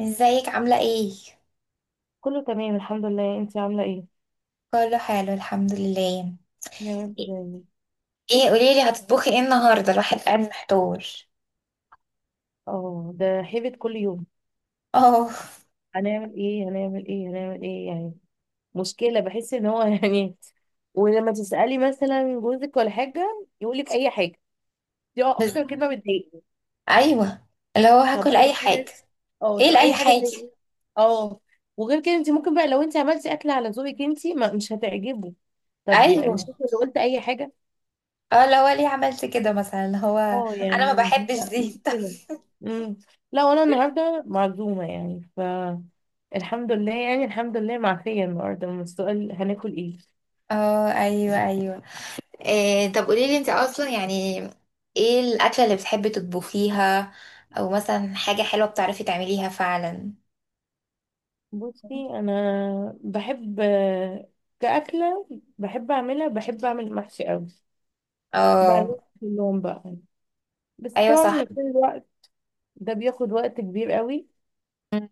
ازيك عاملة ايه؟ كله تمام، الحمد لله. انت عامله ايه؟ كله حلو الحمد لله. يا رب دايما. ايه، قوليلي هتطبخي ايه النهاردة؟ الواحد قاعد محتار. اه، ده هيبت كل يوم. اه. هنعمل ايه، هنعمل ايه، هنعمل ايه يعني؟ مشكله، بحس ان هو يعني. ولما تسالي مثلا جوزك ولا حاجه يقول لك اي حاجه. دي بس. اكتر كلمه بتضايقني. ايوه. اللي هو طب هاكل اي اي حاجة. حاجه؟ اه، ايه طب لأي اي حاجه زي حاجة؟ ايه؟ اه. وغير كده، انت ممكن بقى لو انت عملتي اكل على ذوقك انت، ما مش هتعجبه. طب ايوه. يعني مش انت اللي قلت اي حاجه؟ اه، اللي هو ليه عملت كده مثلا، اللي هو. اه انا ما يعني، بحبش لا دي. مشكلة. امم. لا، وانا النهارده معزومة يعني. الحمد لله، يعني الحمد لله معفية النهارده من السؤال هناكل ايه؟ اه، ايوه، ايوه. إيه، طب قوليلي انت اصلا يعني. ايه الأكلة اللي بتحبي تطبخيها؟ او مثلا حاجة حلوة بتعرفي تعمليها فعلا؟ بصي، انا بحب، كأكلة، بحب اعملها، بحب اعمل محشي قوي بقى، اه، كلهم بقى. بس ايوه، صح. طبعا كل الوقت ده بياخد وقت كبير قوي. أمم.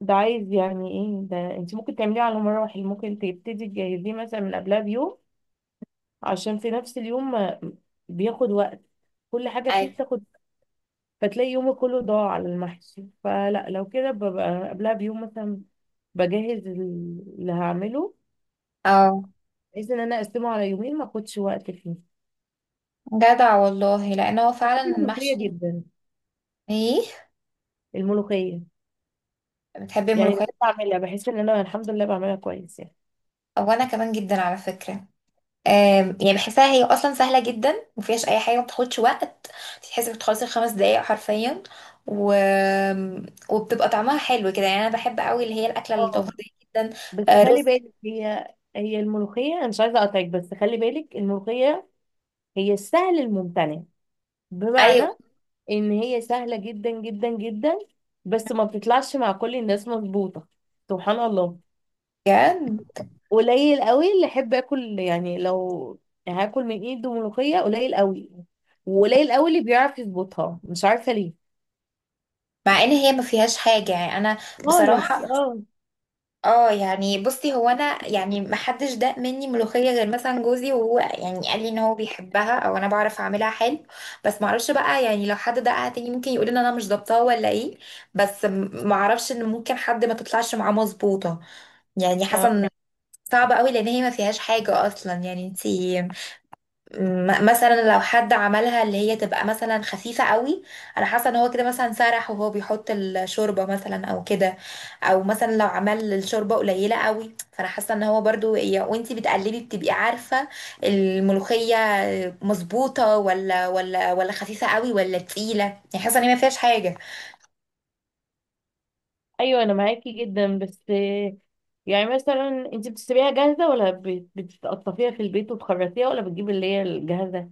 ده عايز يعني ايه، ده انت ممكن تعمليه على مراحل، ممكن تبتدي تجهزيه مثلا من قبلها بيوم، عشان في نفس اليوم. بياخد وقت، كل حاجة فيه أيوة. بتاخد. فتلاقي يومك كله ضاع على المحشي، فلا، لو كده ببقى قبلها بيوم مثلا، بجهز اللي هعمله، اه، بحيث ان انا اقسمه على يومين ما اخدش وقت فيه. جدع والله، لان هو بحب فعلا الملوخية المحشي. جدا، ايه. الملوخية، بتحبي يعني الملوخيه؟ بحب اعملها، بحس ان انا الحمد لله بعملها كويس يعني. وانا كمان جدا على فكره. يعني بحسها هي اصلا سهله جدا، مفيهاش اي حاجه، ما بتاخدش وقت. بتحسي بتخلصي في 5 دقايق حرفيا. و... وبتبقى طعمها حلو كده، يعني انا بحب قوي اللي هي الاكله اه، التقليديه جدا. بس آه، خلي رز. بالك هي الملوخية، انا مش عايزة اقطعك، بس خلي بالك الملوخية هي السهل الممتنع. بمعنى ايوه، ان هي سهلة جدا جدا جدا، بس ما بتطلعش مع كل الناس مظبوطة، سبحان الله. بجد. قليل قوي اللي احب اكل، يعني لو هاكل من ايده ملوخية قليل قوي، وقليل قوي اللي بيعرف يظبطها، مش عارفة ليه. مع ان هي ما فيهاش حاجه يعني انا، خالص بصراحه. اه. اه، يعني بصي، هو انا يعني ما حدش داق مني ملوخيه غير مثلا جوزي، وهو يعني قال لي ان هو بيحبها، او انا بعرف اعملها حلو. بس ما اعرفش بقى، يعني لو حد دقها تاني ممكن يقول ان انا مش ضبطها ولا ايه. بس ما اعرفش ان ممكن حد ما تطلعش معاه مظبوطه. يعني آه. حسن. صعبه قوي لان هي ما فيهاش حاجه اصلا، يعني انتي. مثلا لو حد عملها اللي هي تبقى مثلا خفيفة قوي، انا حاسة ان هو كده مثلا سرح وهو بيحط الشوربة مثلا او كده. او مثلا لو عمل الشوربة قليلة قوي، فانا حاسة ان هو برضو وانتي بتقلبي بتبقي عارفة الملوخية مظبوطة، ولا خفيفة قوي، ولا تقيلة، يعني حاسة ان هي ما فيهاش حاجة. ايوه، انا معاكي جدا بس يعني مثلا، انت بتشتريها جاهزة ولا بتقطفيها في البيت وتخرطيها، ولا بتجيب اللي هي الجاهزة؟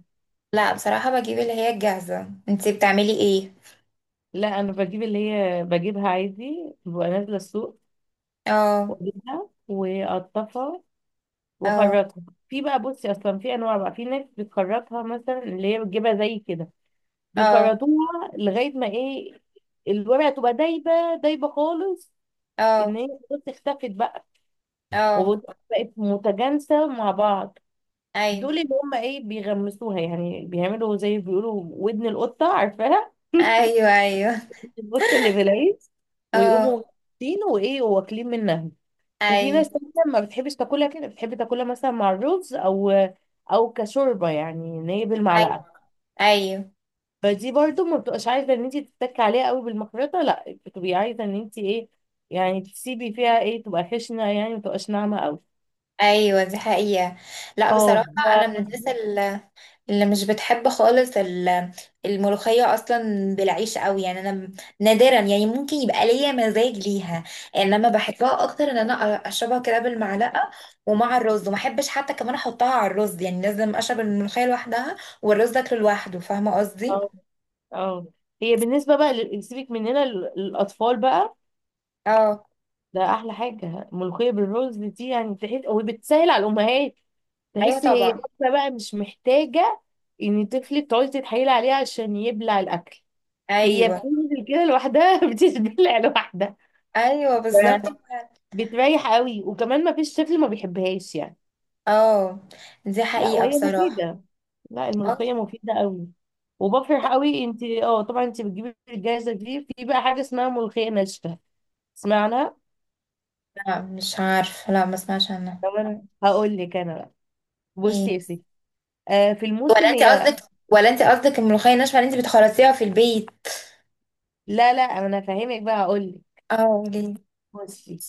لا، بصراحة بجيب اللي هي الجاهزة. انتي بتعملي ايه؟ لا، انا بجيب اللي هي، بجيبها عادي، ببقى نازلة السوق اه، واجيبها واقطفها اه، واخرطها. في بقى، بصي، اصلا في انواع بقى، في ناس بتخرطها مثلا اللي هي بتجيبها زي كده، اه، بيخرطوها لغايه ما ايه، الورقه تبقى دايبه، دايبه خالص، ان اه، هي خلاص اختفت بقى، اه، وبقت متجانسه مع بعض. دول ايوه، اللي هم ايه، بيغمسوها يعني، بيعملوا زي بيقولوا ودن القطه، عارفاها؟ ايوه، ايوه، القطه اللي في العيش، ويقوموا اه، غامسين وايه واكلين منها. وفي ايوه، ناس تانية ما بتحبش تاكلها كده، بتحب تاكلها مثلا مع الرز، او او كشوربه، يعني ان هي بالمعلقه. ايوه، ايوه، فدي برضو ما بتبقاش عايزه ان انت تتكي عليها قوي بالمخرطه، لا بتبقي عايزه ان انت ايه، يعني تسيبي فيها ايه، تبقى خشنه يعني، ما تبقاش ناعمه قوي. ايوه، دي حقيقة. لا، اه بصراحة. انا من الناس ف- اللي مش بتحب خالص الملوخية اصلا بالعيش قوي، يعني انا نادرا يعني ممكن يبقى ليا مزاج ليها. انما بحبها اكتر ان انا اشربها كده بالمعلقة، ومع الرز، وما احبش حتى كمان احطها على الرز، يعني لازم اشرب الملوخية لوحدها والرز اكله لوحده. فاهمة قصدي؟ اه، آه. هي بالنسبه بقى سيبك مننا الاطفال بقى، اه، ده احلى حاجه ملوخيه بالرز دي، يعني تحس، وبتسهل على الامهات. ايوه تحسي هي طبعا. واحدة بقى مش محتاجه ان طفلك تقعدي تتحايلي عليه عشان يبلع الاكل. هي ايوه، بتنزل كده لوحدها بتتبلع لوحدها. ايوه ف- بالظبط. بتريح قوي، وكمان ما فيش طفل ما بيحبهاش يعني. اه، دي لا، حقيقة وهي بصراحة. مفيده، لا آه. الملوخيه مفيده قوي. وبفرح قوي، انت اه طبعا انت بتجيبي الجاهزه دي، في بقى حاجه اسمها ملوخيه ناشفه، اسمعنا؟ لا، مش عارفه، لا ما اسمعش عنها. طب انا هقول لك انا بقى، ايه؟ بصي يا ستي، آه، في ولا الموسم انت هي. قصدك ولا انت قصدك الملوخيه الناشفه اللي انت بتخلصيها في البيت؟ لا لا، انا فاهمك بقى، هقول لك. اه، قولي. بصي،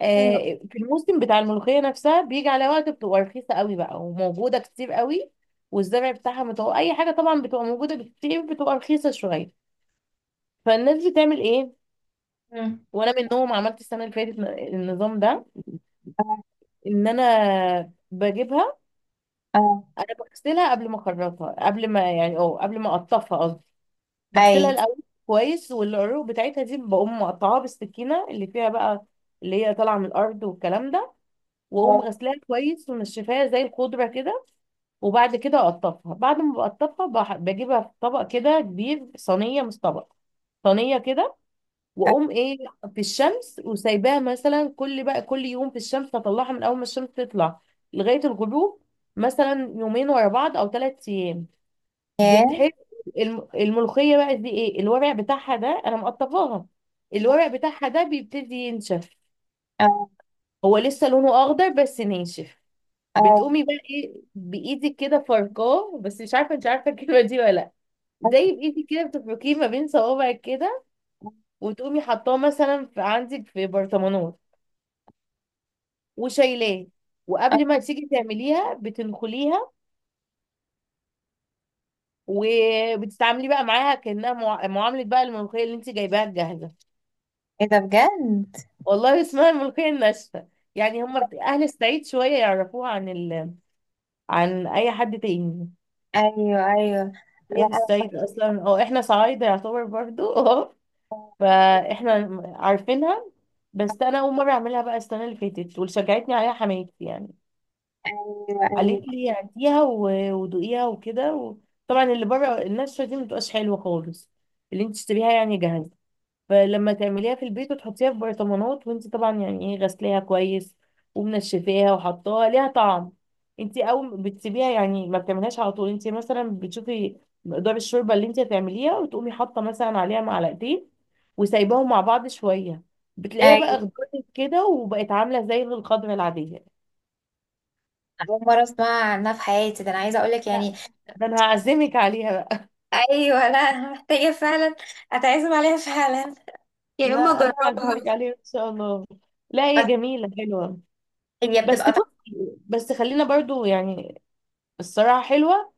آه، في الموسم بتاع الملوخيه نفسها بيجي على وقت بتبقى رخيصه قوي بقى، وموجوده كتير قوي، والزرع بتاعها متوقع اي حاجه طبعا، بتبقى موجوده كتير، بتبقى رخيصه شويه. فالناس بتعمل ايه؟ مم. وانا منهم، عملت السنه اللي فاتت النظام ده، اه، ان انا بجيبها. اه، انا بغسلها قبل ما اخرطها، قبل ما يعني قبل ما اقطفها، اي، بغسلها الاول كويس، والعروق بتاعتها دي بقوم مقطعاها بالسكينه اللي فيها بقى، اللي هي طالعه من الارض والكلام ده، واقوم اه، غسلاها كويس ومنشفاها زي الخضره كده. وبعد كده اقطفها، بعد ما بقطفها بجيبها في طبق كده كبير، صينيه مش طبق، صينيه كده، اه. واقوم ايه، في الشمس وسايباها مثلا، كل يوم في الشمس، اطلعها من اول ما الشمس تطلع لغايه الغروب، مثلا يومين ورا بعض او 3 ايام. ياه. بتحس الملوخية بقى دي، ايه الورق بتاعها ده انا مقطفاها، الورق بتاعها ده بيبتدي ينشف، اه هو لسه لونه اخضر بس ناشف. اه، بتقومي بقى ايه، بايدك كده فركاه، بس مش عارفه انت عارفه الكلمه دي ولا لا، اه. زي بايدك كده بتفركيه ما بين صوابعك كده، وتقومي حطاه مثلا في عندك في برطمانات، وشايلاه، اه. وقبل ما تيجي تعمليها بتنخليها، وبتتعاملي بقى معاها كأنها معاملة بقى الملوخية اللي انت جايباها جاهزة. ايه ده بجد؟ والله اسمها الملوخية الناشفة، يعني هم أهل الصعيد شوية يعرفوها عن عن أي حد تاني. ايوه، ايوه، هي لا في انا، الصعيد أصلا، أو إحنا صعايدة يعتبر برضو أه، فإحنا عارفينها. بس أنا أول مرة أعملها بقى السنة اللي فاتت، واللي شجعتني عليها حماتي يعني، ايوه، ايوه، قالت لي هاتيها ودوقيها وكده طبعا اللي بره الناشفة دي مبتبقاش حلوة خالص، اللي انت تشتريها يعني جاهزة. فلما تعمليها في البيت وتحطيها في برطمانات، وانت طبعا يعني ايه، غسلاها كويس ومنشفاها وحطاها، ليها طعم. انت اول بتسيبيها يعني، ما بتعملهاش على طول، انت مثلا بتشوفي مقدار الشوربه اللي انت هتعمليها، وتقومي حاطه مثلا عليها معلقتين، وسايباهم مع بعض شويه، بتلاقيها بقى ايوه، اخضرت كده، وبقت عامله زي الخضره العاديه. اول مره اسمع عنها في حياتي، ده انا عايزه اقول لك يعني. لا، ده انا هعزمك عليها بقى، ايوه، لا انا محتاجه فعلا. اتعزم عليها فعلا. يا لا اما انا اجربها. هعزمك عليها ان شاء الله. لا هي جميله حلوه. هي بس بتبقى طعمها. بصي، بس خلينا برضو يعني، الصراحه حلوه.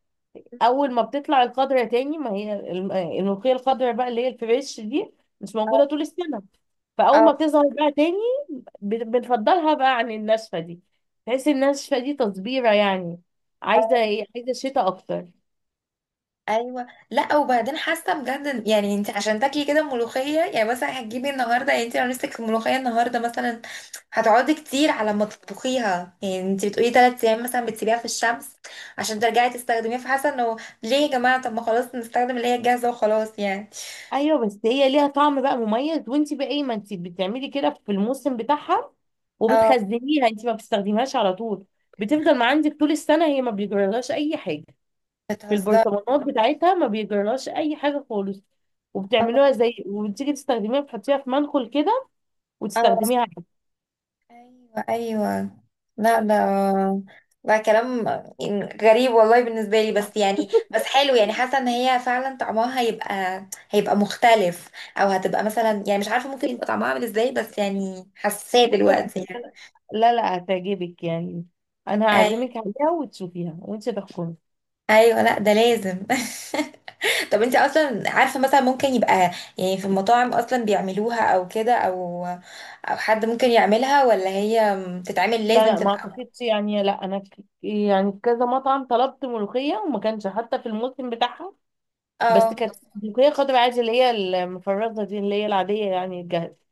اول ما بتطلع الخضره تاني، ما هي الملوخيه الخضره بقى اللي هي الفريش دي مش موجوده اه، طول السنه. فاول ما بتظهر بقى تاني، بنفضلها بقى عن الناشفه دي، تحس الناشفه دي تصبيره يعني، عايزه اه، ايه، عايزه شتاء اكتر. ايوه، لا وبعدين حاسه بجد، يعني انت عشان تاكلي كده ملوخيه يعني مثلا هتجيبي النهارده، يعني انت لو نفسك ملوخيه النهارده مثلا، هتقعدي كتير على ما تطبخيها، يعني انت بتقولي 3 ايام مثلا بتسيبيها في الشمس عشان ترجعي تستخدميها، فحاسه انه ليه يا جماعه؟ طب ما خلاص نستخدم اللي هي الجاهزه وخلاص يعني. ايوه، بس هي ليها طعم بقى مميز، وانت بقى ايه، ما انت بتعملي كده في الموسم بتاعها اه، وبتخزنيها، انت ما بتستخدميهاش على طول، بتفضل ما عندك طول السنه، هي ما بيجرالهاش اي حاجه في بتهزر. البرطمانات بتاعتها، ما بيجرالهاش اي حاجه خالص. اه، وبتعملوها زي، وبتيجي تستخدميها بتحطيها في منخل كده، اه، وتستخدميها عادي. ايوه، ايوه، لا ده، ده كلام غريب والله بالنسبه لي، بس يعني بس حلو، يعني حاسه ان هي فعلا طعمها هيبقى مختلف، او هتبقى مثلا يعني مش عارفه، ممكن يبقى طعمها عامل ازاي، بس يعني حساسه تبقى، دلوقتي يعني. لا لا هتعجبك يعني، انا أي- هعزمك عليها وتشوفيها وانت تحكمي. ايوه، لا ده لازم. طب انت اصلا عارفه مثلا ممكن يبقى، يعني في المطاعم اصلا بيعملوها او كده، او حد ممكن يعملها، ولا هي تتعمل لا لازم لا ما تبقى. اعتقدش يعني، لا انا يعني في كذا مطعم طلبت ملوخيه، وما كانش حتى في الموسم بتاعها، بس اه، كانت ملوخيه خضراء عادي، اللي هي المفرزه دي اللي هي العاديه يعني الجاهزه.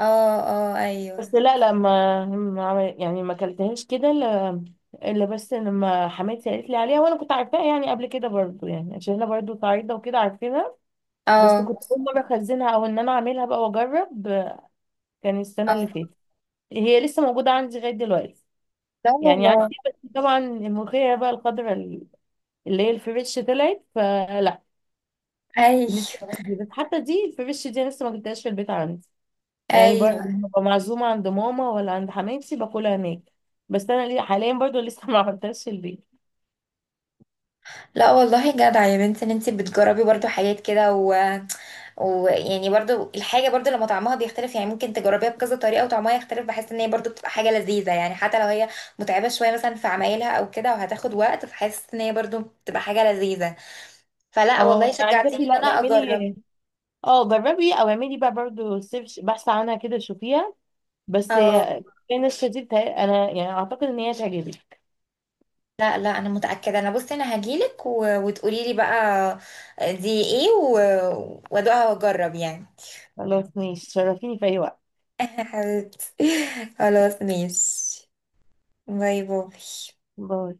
اه، اه، ايوه، بس لا لا، ما ما عمل- يعني ما اكلتهاش كده الا، إلا بس لما حماتي قالت لي عليها، وانا كنت عارفاها يعني قبل كده برضو، يعني عشان انا برضو صعيده وكده عارفينها. بس اه، كنت اول مره اخزنها، او ان انا اعملها بقى واجرب، كان السنه اللي اه. فاتت. هي لسه موجوده عندي لغايه دلوقتي، لا يعني والله. عندي، بس طبعا الملوخيه بقى الخضراء اللي هي الفريش طلعت، فلا بالنسبه ايوه، لي دي، بس حتى دي الفريش دي لسه ما جبتهاش في البيت عندي، يعني ايوه. لما ببقى معزومة عند ماما ولا عند حماتي باكلها هناك. بس انا ليه حاليا برضو لسه ما عملتهاش في البيت. لا والله جدع يا بنت ان انت بتجربي برضو حاجات كده. ويعني برضو الحاجه برضو لما طعمها بيختلف، يعني ممكن تجربيها بكذا طريقه وطعمها يختلف، بحس ان هي برضو بتبقى حاجه لذيذه، يعني حتى لو هي متعبه شويه مثلا في عمايلها او كده وهتاخد وقت، فحس ان هي برضو بتبقى حاجه لذيذه. فلا اه والله أنا عايزاكي، شجعتيني ان لا انا اجرب. اعملي، اه جربي، او اعملي بقى برضو سيرش، بحث عنها كده، شوفيها. بس اه. هي، كان الشديد، انا يعني اعتقد ان هي تعجبك. لا، لا انا متاكده، انا بصي انا هجيلك، وتقولي لي بقى دي ايه، وادوقها واجرب يعني. خلاص ماشي، تشرفيني في اي وقت. حبيبتي. خلاص ماشي. باي باي. باي.